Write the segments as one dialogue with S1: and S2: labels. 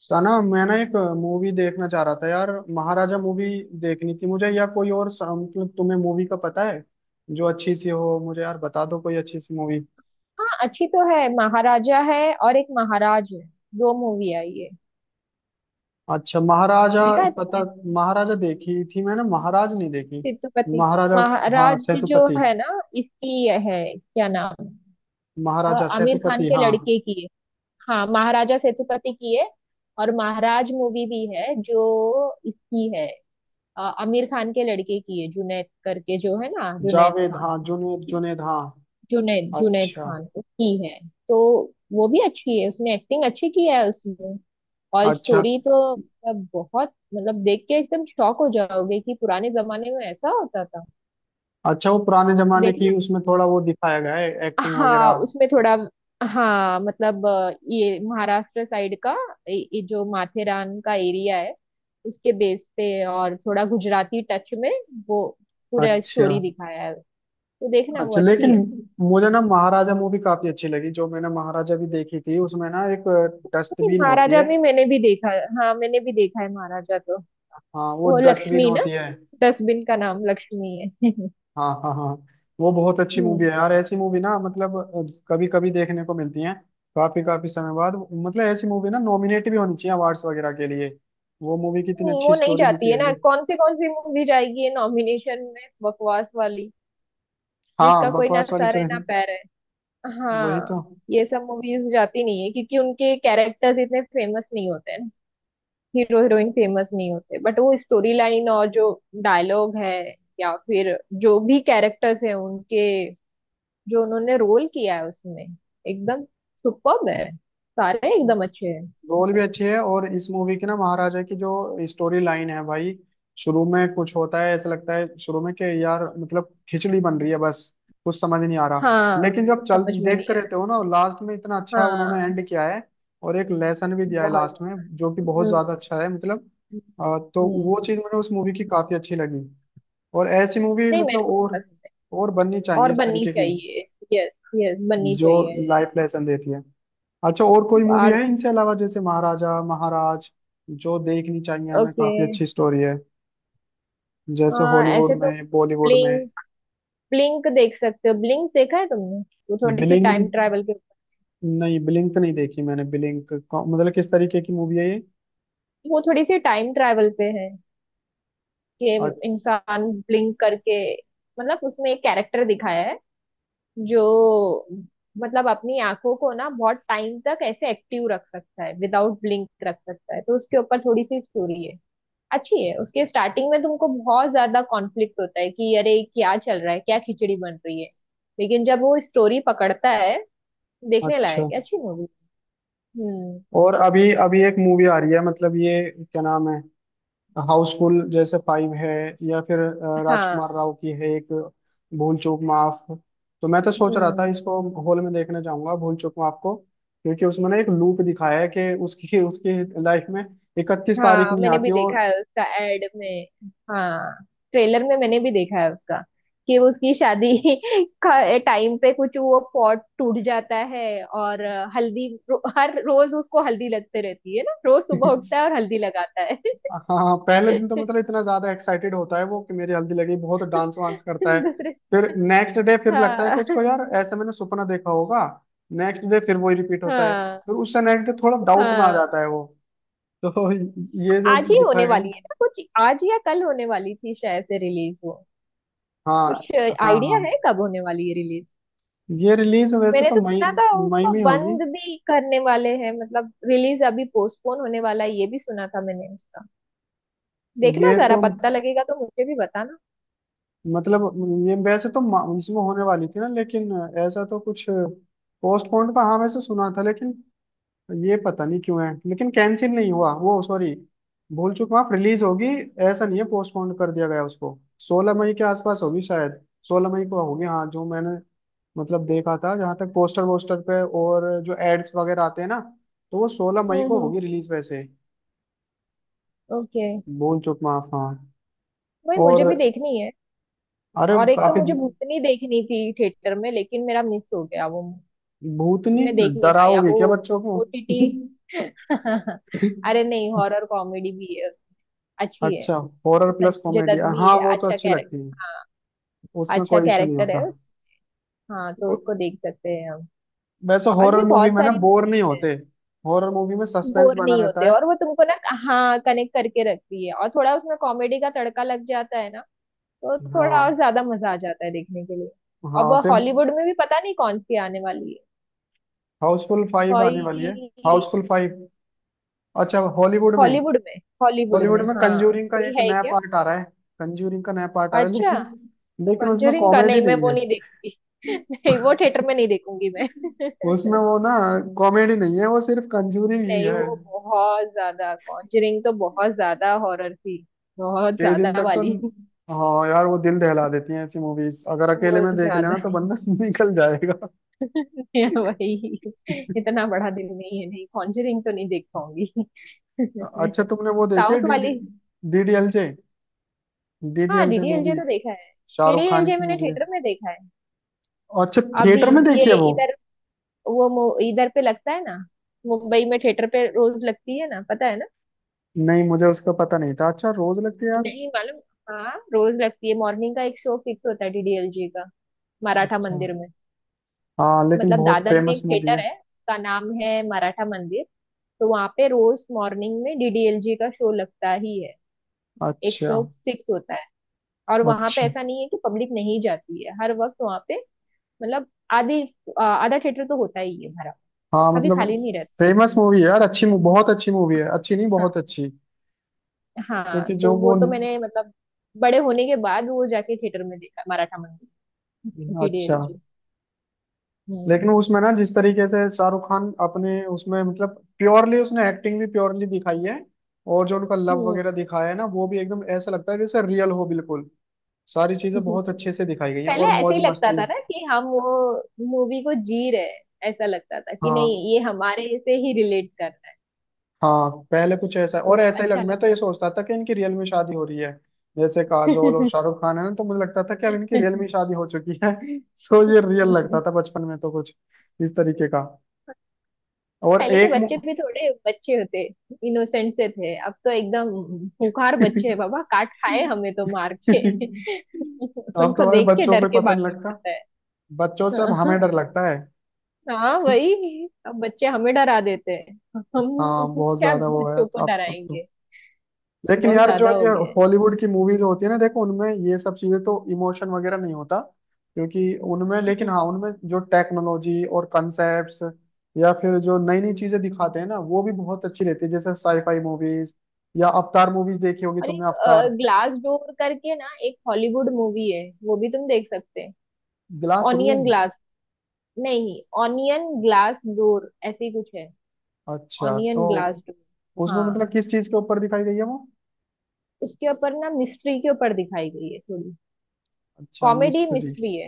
S1: सना, मैं ना एक मूवी देखना चाह रहा था यार। महाराजा मूवी देखनी थी मुझे, या कोई और मतलब तुम्हें मूवी का पता है जो अच्छी सी हो? मुझे यार बता दो कोई अच्छी सी मूवी।
S2: हाँ, अच्छी तो है। महाराजा है और एक महाराज है। दो मूवी आई है।
S1: अच्छा, महाराजा।
S2: देखा है
S1: पता,
S2: तुमने?
S1: महाराजा देखी थी मैंने, महाराज नहीं देखी।
S2: सेतुपति की
S1: महाराजा, हाँ
S2: महाराज जो
S1: सेतुपति।
S2: है ना, इसकी ये है क्या नाम,
S1: महाराजा
S2: आमिर खान
S1: सेतुपति,
S2: के
S1: हाँ।
S2: लड़के की है। हाँ, महाराजा सेतुपति की है और महाराज मूवी भी है जो इसकी है, आमिर खान के लड़के की है, जुनैद करके जो है ना, जुनैद
S1: जावेद,
S2: खान
S1: हाँ जुनेद
S2: की।
S1: जुनेद हाँ।
S2: जुनैद जुनैद
S1: अच्छा।
S2: खान को की है। तो वो भी अच्छी है, उसने एक्टिंग अच्छी की है उसमें। और
S1: अच्छा।
S2: स्टोरी तो मतलब बहुत, मतलब देख के एकदम शॉक हो जाओगे कि पुराने जमाने में ऐसा होता था।
S1: अच्छा वो पुराने जमाने
S2: देखना।
S1: की उसमें थोड़ा वो दिखाया गया है, एक्टिंग
S2: हाँ,
S1: वगैरह।
S2: उसमें थोड़ा। हाँ मतलब, ये महाराष्ट्र साइड का, ये जो माथेरान का एरिया है उसके बेस पे, और थोड़ा गुजराती टच में वो पूरा
S1: अच्छा।
S2: स्टोरी दिखाया है। तो देखना, वो
S1: अच्छा
S2: अच्छी
S1: लेकिन
S2: है।
S1: मुझे ना महाराजा मूवी काफी अच्छी लगी। जो मैंने महाराजा भी देखी थी, उसमें ना एक
S2: नहीं,
S1: डस्टबिन होती
S2: महाराजा
S1: है।
S2: भी मैंने भी देखा है। हाँ, मैंने भी देखा है महाराजा तो।
S1: हाँ वो
S2: वो
S1: डस्टबिन
S2: लक्ष्मी ना,
S1: होती है।
S2: डस्टबिन का नाम लक्ष्मी है।
S1: हाँ हाँ हाँ। वो बहुत अच्छी मूवी
S2: हम्म।
S1: है यार। ऐसी मूवी ना, मतलब कभी कभी देखने को मिलती है, काफी काफी समय बाद। मतलब ऐसी मूवी ना नॉमिनेट भी होनी चाहिए अवार्ड्स वगैरह के लिए। वो मूवी कितनी अच्छी
S2: वो नहीं
S1: स्टोरी लिखी
S2: जाती है
S1: गई
S2: ना,
S1: है।
S2: कौन सी मूवी जाएगी ये नॉमिनेशन में, बकवास वाली जिसका
S1: हाँ
S2: कोई ना
S1: बकवास वाली
S2: सर है
S1: चले।
S2: ना पैर है।
S1: वही
S2: हाँ,
S1: तो।
S2: ये सब मूवीज जाती नहीं है क्योंकि उनके कैरेक्टर्स इतने फेमस नहीं होते हैं। हीरो हीरोइन फेमस नहीं होते, बट वो स्टोरी लाइन और जो डायलॉग है या फिर जो भी कैरेक्टर्स है उनके, जो उन्होंने रोल किया है उसमें, एकदम सुपर्ब है। सारे एकदम अच्छे हैं
S1: रोल भी
S2: मतलब।
S1: अच्छी है, और इस मूवी की ना महाराजा की जो स्टोरी लाइन है भाई, शुरू में कुछ होता है, ऐसा लगता है शुरू में कि यार मतलब खिचड़ी बन रही है बस, कुछ समझ नहीं आ रहा।
S2: हाँ।
S1: लेकिन जब चल
S2: समझ में
S1: देखते
S2: नहीं आ
S1: रहते हो ना, लास्ट में इतना
S2: रहा,
S1: अच्छा उन्होंने
S2: हाँ।
S1: एंड किया है। और एक लेसन भी दिया है
S2: बहुत
S1: लास्ट में
S2: ज्यादा।
S1: जो कि बहुत ज्यादा
S2: हम्म
S1: अच्छा है मतलब।
S2: हम्म
S1: अ, तो वो
S2: हम्म।
S1: चीज मुझे उस मूवी की काफी अच्छी लगी। और ऐसी मूवी
S2: नहीं, मेरे
S1: मतलब
S2: को भी पसंद है।
S1: और बननी चाहिए
S2: और
S1: इस
S2: बननी
S1: तरीके की,
S2: चाहिए। यस। यस, बननी
S1: जो
S2: चाहिए।
S1: लाइफ लेसन देती है। अच्छा, और कोई मूवी
S2: और।
S1: है इनसे अलावा जैसे महाराजा, महाराज, जो देखनी चाहिए हमें?
S2: ओके।
S1: काफी अच्छी स्टोरी है, जैसे
S2: ऐसे
S1: हॉलीवुड
S2: तो
S1: में, बॉलीवुड में।
S2: ब्लिंक, ब्लिंक देख सकते हो, ब्लिंक देखा है तुमने? वो थोड़ी सी टाइम
S1: ब्लिंक,
S2: ट्रैवल के ऊपर।
S1: नहीं ब्लिंक तो नहीं देखी मैंने। ब्लिंक मतलब किस तरीके की मूवी है ये?
S2: वो थोड़ी सी टाइम ट्रैवल पे है कि
S1: अ-
S2: इंसान ब्लिंक करके, मतलब उसमें एक कैरेक्टर दिखाया है जो, मतलब अपनी आंखों को ना बहुत टाइम तक ऐसे एक्टिव रख सकता है, विदाउट ब्लिंक रख सकता है। तो उसके ऊपर थोड़ी सी स्टोरी है। अच्छी है। उसके स्टार्टिंग में तुमको बहुत ज्यादा कॉन्फ्लिक्ट होता है कि अरे क्या चल रहा है, क्या खिचड़ी बन रही है। लेकिन जब वो स्टोरी पकड़ता है, देखने लायक
S1: अच्छा।
S2: है, अच्छी मूवी। हम्म।
S1: और अभी अभी एक मूवी आ रही है मतलब ये क्या नाम है, हाउसफुल जैसे 5 है, या फिर
S2: हाँ।
S1: राजकुमार राव की है एक, भूल चूक माफ। तो मैं तो सोच रहा था
S2: हम्म।
S1: इसको हॉल में देखने जाऊंगा, भूल चूक माफ को। क्योंकि उसमें ना एक लूप दिखाया है कि उसकी उसकी लाइफ में 31 तारीख
S2: हाँ,
S1: नहीं
S2: मैंने भी
S1: आती वो।
S2: देखा है उसका एड में। हाँ, ट्रेलर में मैंने भी देखा है उसका, कि उसकी शादी का टाइम पे कुछ वो पॉट टूट जाता है और हर रोज उसको हल्दी लगते रहती है ना, रोज सुबह उठता है और हल्दी लगाता है।
S1: हाँ पहले दिन तो मतलब इतना ज्यादा एक्साइटेड होता है वो, कि मेरी हल्दी लगी, बहुत डांस वांस करता है।
S2: दूसरे।
S1: फिर नेक्स्ट डे फिर लगता है कि
S2: हाँ
S1: उसको यार, ऐसे मैंने सपना देखा होगा। नेक्स्ट डे फिर वही रिपीट होता है,
S2: हाँ
S1: फिर उससे नेक्स्ट डे थोड़ा डाउट में आ
S2: हाँ।
S1: जाता है वो। तो ये जो
S2: आज ही होने
S1: दिखाएगा ना।
S2: वाली है ना, कुछ आज या कल होने वाली थी शायद से रिलीज वो। कुछ
S1: हाँ हाँ हाँ।
S2: आइडिया है कब होने वाली है?
S1: ये रिलीज वैसे
S2: मैंने
S1: तो
S2: तो
S1: मई,
S2: सुना था
S1: मई
S2: उसको
S1: में होगी।
S2: बंद भी करने वाले हैं, मतलब रिलीज अभी पोस्टपोन होने वाला है, ये भी सुना था मैंने उसका। देखना
S1: ये
S2: जरा,
S1: तो
S2: पता लगेगा तो मुझे भी बताना।
S1: मतलब, ये वैसे तो इसमें होने वाली थी ना, लेकिन ऐसा तो कुछ पोस्टपोन्ड का हाँ वैसे सुना था, लेकिन ये पता नहीं क्यों है, लेकिन कैंसिल नहीं हुआ वो। सॉरी, भूल चुका माफ रिलीज होगी, ऐसा नहीं है पोस्टपोन कर दिया गया उसको। 16 मई के आसपास होगी शायद, 16 मई को होगी हाँ, जो मैंने मतलब देखा था जहां तक, पोस्टर वोस्टर पे और जो एड्स वगैरह आते हैं ना, तो वो 16 मई
S2: हम्म
S1: को
S2: हम्म
S1: होगी रिलीज वैसे।
S2: ओके।
S1: भूल चूक माफ, हाँ।
S2: वही
S1: और,
S2: मुझे भी देखनी है।
S1: अरे
S2: और एक तो
S1: काफी
S2: मुझे भूतनी देखनी थी थिएटर में, लेकिन मेरा मिस हो गया वो,
S1: भूतनी,
S2: मैं देख नहीं पाई अब
S1: डराओगे
S2: वो।
S1: क्या बच्चों को?
S2: ओटीटी। अरे नहीं, हॉरर कॉमेडी भी है, अच्छी है।
S1: अच्छा, horror plus
S2: Sanjay
S1: comedy,
S2: Dutt भी
S1: हाँ
S2: है,
S1: वो तो
S2: अच्छा
S1: अच्छी लगती है,
S2: कैरेक्टर, हाँ।
S1: उसमें
S2: अच्छा
S1: कोई इशू नहीं
S2: कैरेक्टर है
S1: होता।
S2: हाँ, तो उसको देख सकते हैं हम।
S1: वैसे
S2: और भी
S1: हॉरर मूवी
S2: बहुत
S1: में ना
S2: सारी
S1: बोर नहीं
S2: मूवीज है।
S1: होते, हॉरर मूवी में सस्पेंस
S2: बोर
S1: बना
S2: नहीं
S1: रहता
S2: होते,
S1: है।
S2: और वो तुमको ना, हाँ, कनेक्ट करके रखती है और थोड़ा उसमें कॉमेडी का तड़का लग जाता है ना, तो थोड़ा
S1: हाँ,
S2: और ज्यादा मजा आ जाता है देखने के लिए। अब
S1: हाँ, फिर
S2: हॉलीवुड में भी पता नहीं कौन सी आने वाली है
S1: हाउसफुल 5
S2: कोई।
S1: आने वाली है। हाउसफुल 5। अच्छा, हॉलीवुड में।
S2: हॉलीवुड में, हॉलीवुड
S1: हॉलीवुड
S2: में
S1: में
S2: हाँ
S1: कंजूरिंग का
S2: कोई
S1: एक
S2: है
S1: नया
S2: क्या?
S1: पार्ट आ रहा है। कंजूरिंग का नया पार्ट आ रहा है,
S2: अच्छा।
S1: लेकिन लेकिन उसमें
S2: कॉन्जरिंग का?
S1: कॉमेडी
S2: नहीं, मैं
S1: नहीं
S2: वो
S1: है।
S2: नहीं देखूंगी। नहीं, वो थिएटर में नहीं देखूंगी मैं।
S1: उसमें वो ना कॉमेडी नहीं है, वो सिर्फ कंजूरिंग ही
S2: नहीं,
S1: है।
S2: वो बहुत ज्यादा, कॉन्जरिंग तो बहुत ज्यादा हॉरर थी, बहुत
S1: कई दिन
S2: ज्यादा
S1: तक तो,
S2: वाली।
S1: हाँ यार वो दिल दहला देती हैं ऐसी मूवीज, अगर अकेले
S2: वो
S1: में देख
S2: ज्यादा
S1: लेना तो बंदा निकल जाएगा।
S2: है वही। इतना बड़ा दिल नहीं है, नहीं कॉन्जरिंग तो नहीं देख पाऊंगी।
S1: अच्छा, तुमने वो देखी है
S2: साउथ
S1: डी डी,
S2: वाली?
S1: DDLJ?
S2: हाँ,
S1: DDLJ
S2: डीडीएलजे
S1: मूवी,
S2: तो देखा है।
S1: शाहरुख खान
S2: डीडीएलजे
S1: की
S2: मैंने
S1: मूवी है।
S2: थिएटर में देखा है।
S1: अच्छा
S2: अभी,
S1: थिएटर में
S2: ये,
S1: देखी है वो?
S2: इधर, इधर पे लगता है ना, मुंबई में थिएटर पे रोज लगती है ना, पता है ना?
S1: नहीं मुझे उसका पता नहीं था। अच्छा रोज लगती है यार?
S2: नहीं मालूम। हाँ, रोज लगती है, मॉर्निंग का एक शो फिक्स होता है डीडीएलजे का, मराठा
S1: अच्छा,
S2: मंदिर में।
S1: हाँ लेकिन
S2: मतलब
S1: बहुत
S2: दादर में
S1: फेमस
S2: एक
S1: मूवी
S2: थिएटर
S1: है।
S2: है उसका नाम है मराठा मंदिर, तो वहाँ पे रोज मॉर्निंग में डीडीएलजे का शो लगता ही है। एक
S1: अच्छा,
S2: शो फिक्स होता है। और वहाँ पे
S1: अच्छी।
S2: ऐसा नहीं है कि पब्लिक नहीं जाती है, हर वक्त वहाँ पे, मतलब आधी, आधा थिएटर तो होता ही है भरा,
S1: हाँ
S2: कभी
S1: मतलब
S2: खाली नहीं रहता।
S1: फेमस मूवी है यार, अच्छी बहुत अच्छी मूवी है, अच्छी नहीं बहुत अच्छी।
S2: हाँ हाँ,
S1: क्योंकि जो
S2: तो वो
S1: वो,
S2: तो मैंने मतलब बड़े होने के बाद वो जाके थिएटर में देखा, मराठा मंदिर,
S1: अच्छा,
S2: डीडीएलजे। हम्म।
S1: लेकिन उसमें ना जिस तरीके से शाहरुख खान अपने उसमें, मतलब प्योरली उसने एक्टिंग भी प्योरली दिखाई है, और जो उनका लव
S2: हम्म।
S1: वगैरह दिखाया है ना, वो भी एकदम ऐसा लगता है जैसे रियल हो, बिल्कुल सारी चीजें बहुत अच्छे से दिखाई गई हैं,
S2: पहले
S1: और
S2: ऐसे
S1: मौज
S2: ही लगता
S1: मस्ती।
S2: था ना कि हम वो मूवी को जी रहे हैं, ऐसा लगता था कि
S1: हाँ
S2: नहीं ये हमारे से ही रिलेट कर रहा है,
S1: हाँ हाँ, पहले कुछ ऐसा,
S2: तो
S1: और ऐसा ही लग,
S2: अच्छा
S1: मैं तो
S2: लगता
S1: ये सोचता था कि इनकी रियल में शादी हो रही है। जैसे काजोल और
S2: था।
S1: शाहरुख खान है ना, तो मुझे लगता था कि अब इनकी रियल में शादी हो चुकी है। तो ये रियल लगता था बचपन में, तो कुछ इस तरीके का। और
S2: पहले के
S1: एक मु...
S2: बच्चे भी थोड़े बच्चे होते, इनोसेंट से थे, अब तो एकदम खूंखार बच्चे हैं, बाबा काट खाए हमें तो, मार के।
S1: अब
S2: उनको
S1: तो भाई
S2: देख के
S1: बच्चों को
S2: डर
S1: ही
S2: के
S1: पता नहीं
S2: भागना
S1: लगता,
S2: पड़ता
S1: बच्चों से अब
S2: है।
S1: हमें डर लगता है।
S2: हाँ हाँ, वही अब बच्चे हमें डरा देते हैं, हम
S1: हाँ बहुत
S2: क्या
S1: ज्यादा वो है,
S2: बच्चों को
S1: अब तो,
S2: डराएंगे।
S1: लेकिन
S2: बहुत
S1: यार जो
S2: ज्यादा हो
S1: ये
S2: गया
S1: हॉलीवुड की मूवीज होती है ना, देखो उनमें ये सब चीजें तो, इमोशन वगैरह नहीं होता क्योंकि उनमें, लेकिन हाँ
S2: है।
S1: उनमें जो टेक्नोलॉजी और कंसेप्ट्स या फिर जो नई नई चीजें दिखाते हैं ना, वो भी बहुत अच्छी रहती है, जैसे साईफाई मूवीज, या अवतार मूवीज देखी होगी
S2: और एक
S1: तुमने, अवतार।
S2: ग्लास डोर करके ना एक हॉलीवुड मूवी है, वो भी तुम देख सकते हैं।
S1: Glass
S2: onion
S1: room.
S2: ग्लास, नहीं, ऑनियन ग्लास डोर ऐसे ही कुछ है,
S1: अच्छा तो
S2: ऑनियन ग्लास डोर।
S1: उसमें
S2: हाँ,
S1: मतलब किस चीज के ऊपर दिखाई गई है वो?
S2: उसके ऊपर ना मिस्ट्री के ऊपर दिखाई गई है थोड़ी,
S1: अच्छा,
S2: कॉमेडी
S1: मिस्ट्री।
S2: मिस्ट्री है,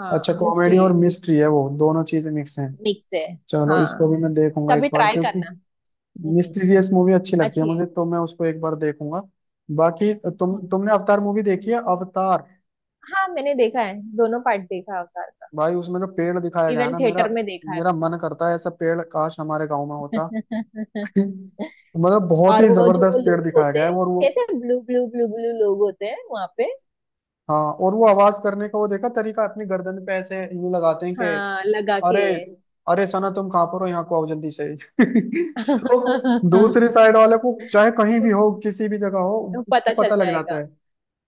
S2: हाँ,
S1: अच्छा, कॉमेडी
S2: मिस्ट्री
S1: और
S2: है।
S1: मिस्ट्री है, वो दोनों चीजें मिक्स हैं।
S2: मिक्स है।
S1: चलो इसको
S2: हाँ,
S1: भी मैं देखूंगा एक
S2: कभी
S1: बार,
S2: ट्राई
S1: क्योंकि
S2: करना। हम्म।
S1: मिस्टीरियस मूवी अच्छी लगती है
S2: अच्छी है।
S1: मुझे, तो मैं उसको एक बार देखूंगा। बाकी, तुम
S2: हाँ
S1: तुमने अवतार मूवी देखी है, अवतार?
S2: हाँ, मैंने देखा है, दोनों पार्ट देखा है अवतार का।
S1: भाई उसमें जो पेड़ दिखाया गया है
S2: इवन
S1: ना, मेरा
S2: थिएटर में देखा है।
S1: मेरा मन करता है ऐसा पेड़ काश हमारे गांव में होता। मतलब बहुत
S2: और
S1: ही
S2: वो जो वो
S1: जबरदस्त पेड़
S2: लोग
S1: दिखाया
S2: होते
S1: गया है,
S2: हैं,
S1: और वो,
S2: कहते हैं, ब्लू ब्लू ब्लू ब्लू लोग होते हैं वहां पे।
S1: हाँ। और वो आवाज करने का वो देखा तरीका, अपनी गर्दन पे ऐसे यूं लगाते हैं कि,
S2: हाँ, लगा के।
S1: अरे अरे सना तुम कहाँ पर हो, यहाँ को आओ जल्दी से। तो दूसरी साइड वाले को, चाहे कहीं भी हो, किसी भी जगह हो,
S2: तो
S1: उसको
S2: पता चल
S1: पता लग जाता
S2: जाएगा,
S1: है।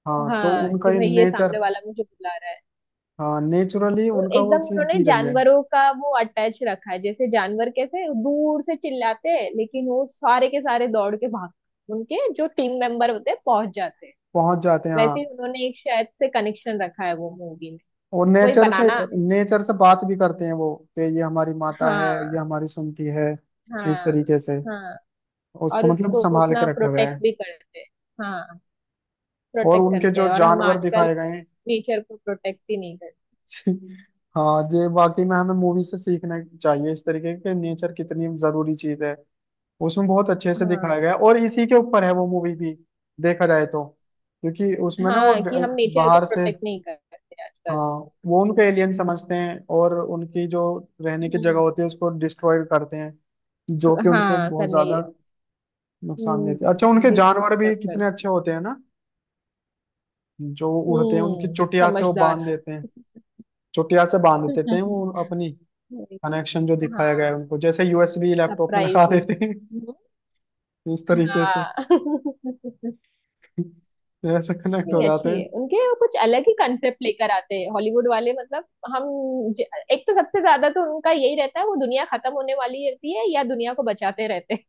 S1: हाँ तो
S2: हाँ,
S1: उनका
S2: कि
S1: ये
S2: भाई ये
S1: नेचर,
S2: सामने वाला मुझे बुला रहा है।
S1: हाँ नेचुरली
S2: और
S1: उनका वो
S2: एकदम
S1: चीज
S2: उन्होंने
S1: दी गई है।
S2: जानवरों का वो अटैच रखा है, जैसे जानवर कैसे दूर से चिल्लाते हैं, लेकिन वो सारे के सारे दौड़ के भाग, उनके जो टीम मेंबर होते हैं, पहुंच जाते हैं।
S1: पहुंच जाते हैं हाँ।
S2: वैसे ही उन्होंने एक शायद से कनेक्शन रखा है वो मूवी में,
S1: और
S2: वही
S1: नेचर से,
S2: बनाना।
S1: नेचर से बात भी करते हैं वो, कि ये हमारी माता है,
S2: हाँ।
S1: ये हमारी सुनती है, इस
S2: हाँ।
S1: तरीके से,
S2: हाँ।
S1: उसको
S2: और
S1: मतलब
S2: उसको
S1: संभाल
S2: उतना
S1: के रखा गया
S2: प्रोटेक्ट
S1: है।
S2: भी करते हैं। हाँ,
S1: और
S2: प्रोटेक्ट
S1: उनके
S2: करते हैं,
S1: जो
S2: और हम
S1: जानवर
S2: आजकल
S1: दिखाए गए हैं।
S2: नेचर को प्रोटेक्ट ही नहीं करते।
S1: हाँ ये वाकई में हमें मूवी से सीखना चाहिए, इस तरीके के नेचर कितनी जरूरी चीज है, उसमें बहुत अच्छे से दिखाया
S2: हाँ।
S1: गया है, और इसी के ऊपर है वो मूवी भी, देखा जाए तो। क्योंकि उसमें ना वो
S2: हाँ, कि हम नेचर को
S1: बाहर से,
S2: प्रोटेक्ट नहीं करते आजकल।
S1: हाँ वो उनको एलियन समझते हैं, और उनकी जो रहने की जगह
S2: हम्म।
S1: होती है उसको डिस्ट्रॉय करते हैं, जो
S2: क-
S1: कि उनको
S2: हाँ,
S1: बहुत
S2: करने
S1: ज्यादा
S2: ले।
S1: नुकसान देते हैं। अच्छा
S2: हम्म,
S1: उनके जानवर भी
S2: डिस्टर्ब
S1: कितने
S2: करती है।
S1: अच्छे होते हैं ना, जो उड़ते हैं उनकी
S2: हम्म,
S1: चुटिया से वो बांध
S2: समझदार।
S1: देते हैं, चुटिया से बांध देते हैं वो अपनी। कनेक्शन जो दिखाया गया है
S2: हाँ,
S1: उनको, जैसे USB लैपटॉप में लगा
S2: सरप्राइजिंग।
S1: देते हैं। इस तरीके से,
S2: हाँ।
S1: ऐसे कनेक्ट हो
S2: नहीं,
S1: जाते
S2: अच्छी
S1: हैं।
S2: है उनके, वो कुछ अलग ही कंसेप्ट लेकर आते हैं हॉलीवुड वाले, मतलब। हम। ज-। एक तो सबसे ज्यादा तो उनका यही रहता है, वो दुनिया खत्म होने वाली रहती है या दुनिया को बचाते रहते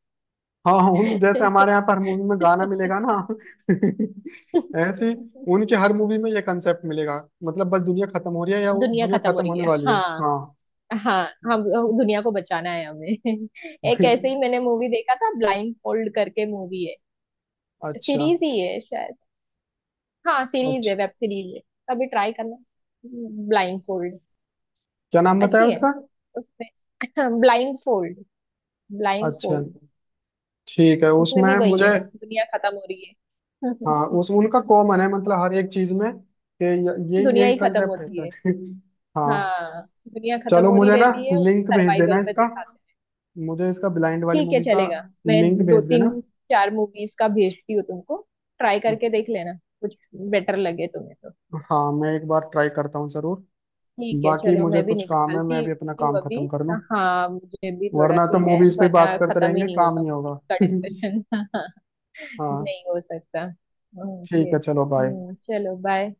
S1: हाँ, उन जैसे
S2: हैं।
S1: हमारे यहाँ पर हर मूवी में गाना मिलेगा ना, ऐसे ही उनके हर मूवी में ये कंसेप्ट मिलेगा। मतलब बस दुनिया खत्म हो रही है, या
S2: दुनिया
S1: दुनिया
S2: खत्म हो
S1: खत्म
S2: रही
S1: होने
S2: है,
S1: वाली है,
S2: हाँ।
S1: हाँ।
S2: हाँ। हम। दुनिया को बचाना है हमें। एक ऐसे ही मैंने मूवी देखा था, ब्लाइंड फोल्ड करके मूवी है,
S1: अच्छा।
S2: सीरीज ही है शायद, हाँ सीरीज है,
S1: अच्छा,
S2: वेब सीरीज है। कभी ट्राई करना, ब्लाइंड फोल्ड।
S1: क्या नाम बताया
S2: अच्छी है।
S1: उसका?
S2: उसमें ब्लाइंड फोल्ड, ब्लाइंड।
S1: अच्छा ठीक है,
S2: उसमें भी
S1: उसमें
S2: वही
S1: मुझे,
S2: है, दुनिया खत्म हो रही है।
S1: हाँ उस उनका कॉमन है मतलब हर एक चीज में, कि ये
S2: दुनिया
S1: यही
S2: ही खत्म
S1: कंसेप्ट
S2: होती
S1: रहता
S2: है।
S1: है। हाँ।
S2: हाँ, दुनिया खत्म
S1: चलो
S2: हो रही
S1: मुझे ना
S2: रहती है,
S1: लिंक भेज देना
S2: सर्वाइवल पर
S1: इसका,
S2: दिखाते हैं।
S1: मुझे इसका ब्लाइंड वाली
S2: ठीक है,
S1: मूवी का
S2: चलेगा, मैं
S1: लिंक
S2: दो
S1: भेज
S2: तीन
S1: देना।
S2: चार मूवीज का भेजती हूँ तुमको, ट्राई करके देख लेना, कुछ बेटर लगे तुम्हें तो।
S1: हाँ मैं एक बार ट्राई करता हूँ जरूर।
S2: ठीक है,
S1: बाकी
S2: चलो
S1: मुझे
S2: मैं भी
S1: कुछ काम है, मैं
S2: निकलती
S1: अभी अपना
S2: हूँ
S1: काम
S2: अभी।
S1: खत्म कर लूं,
S2: हाँ, मुझे भी थोड़ा
S1: वरना तो
S2: सी है,
S1: मूवीज पे बात
S2: वरना
S1: करते
S2: खत्म ही
S1: रहेंगे,
S2: नहीं
S1: काम
S2: होगा
S1: नहीं होगा।
S2: इसका डिस्कशन।
S1: हाँ
S2: नहीं हो सकता। ओके।
S1: ठीक है, चलो बाय।
S2: हम्म, चलो बाय।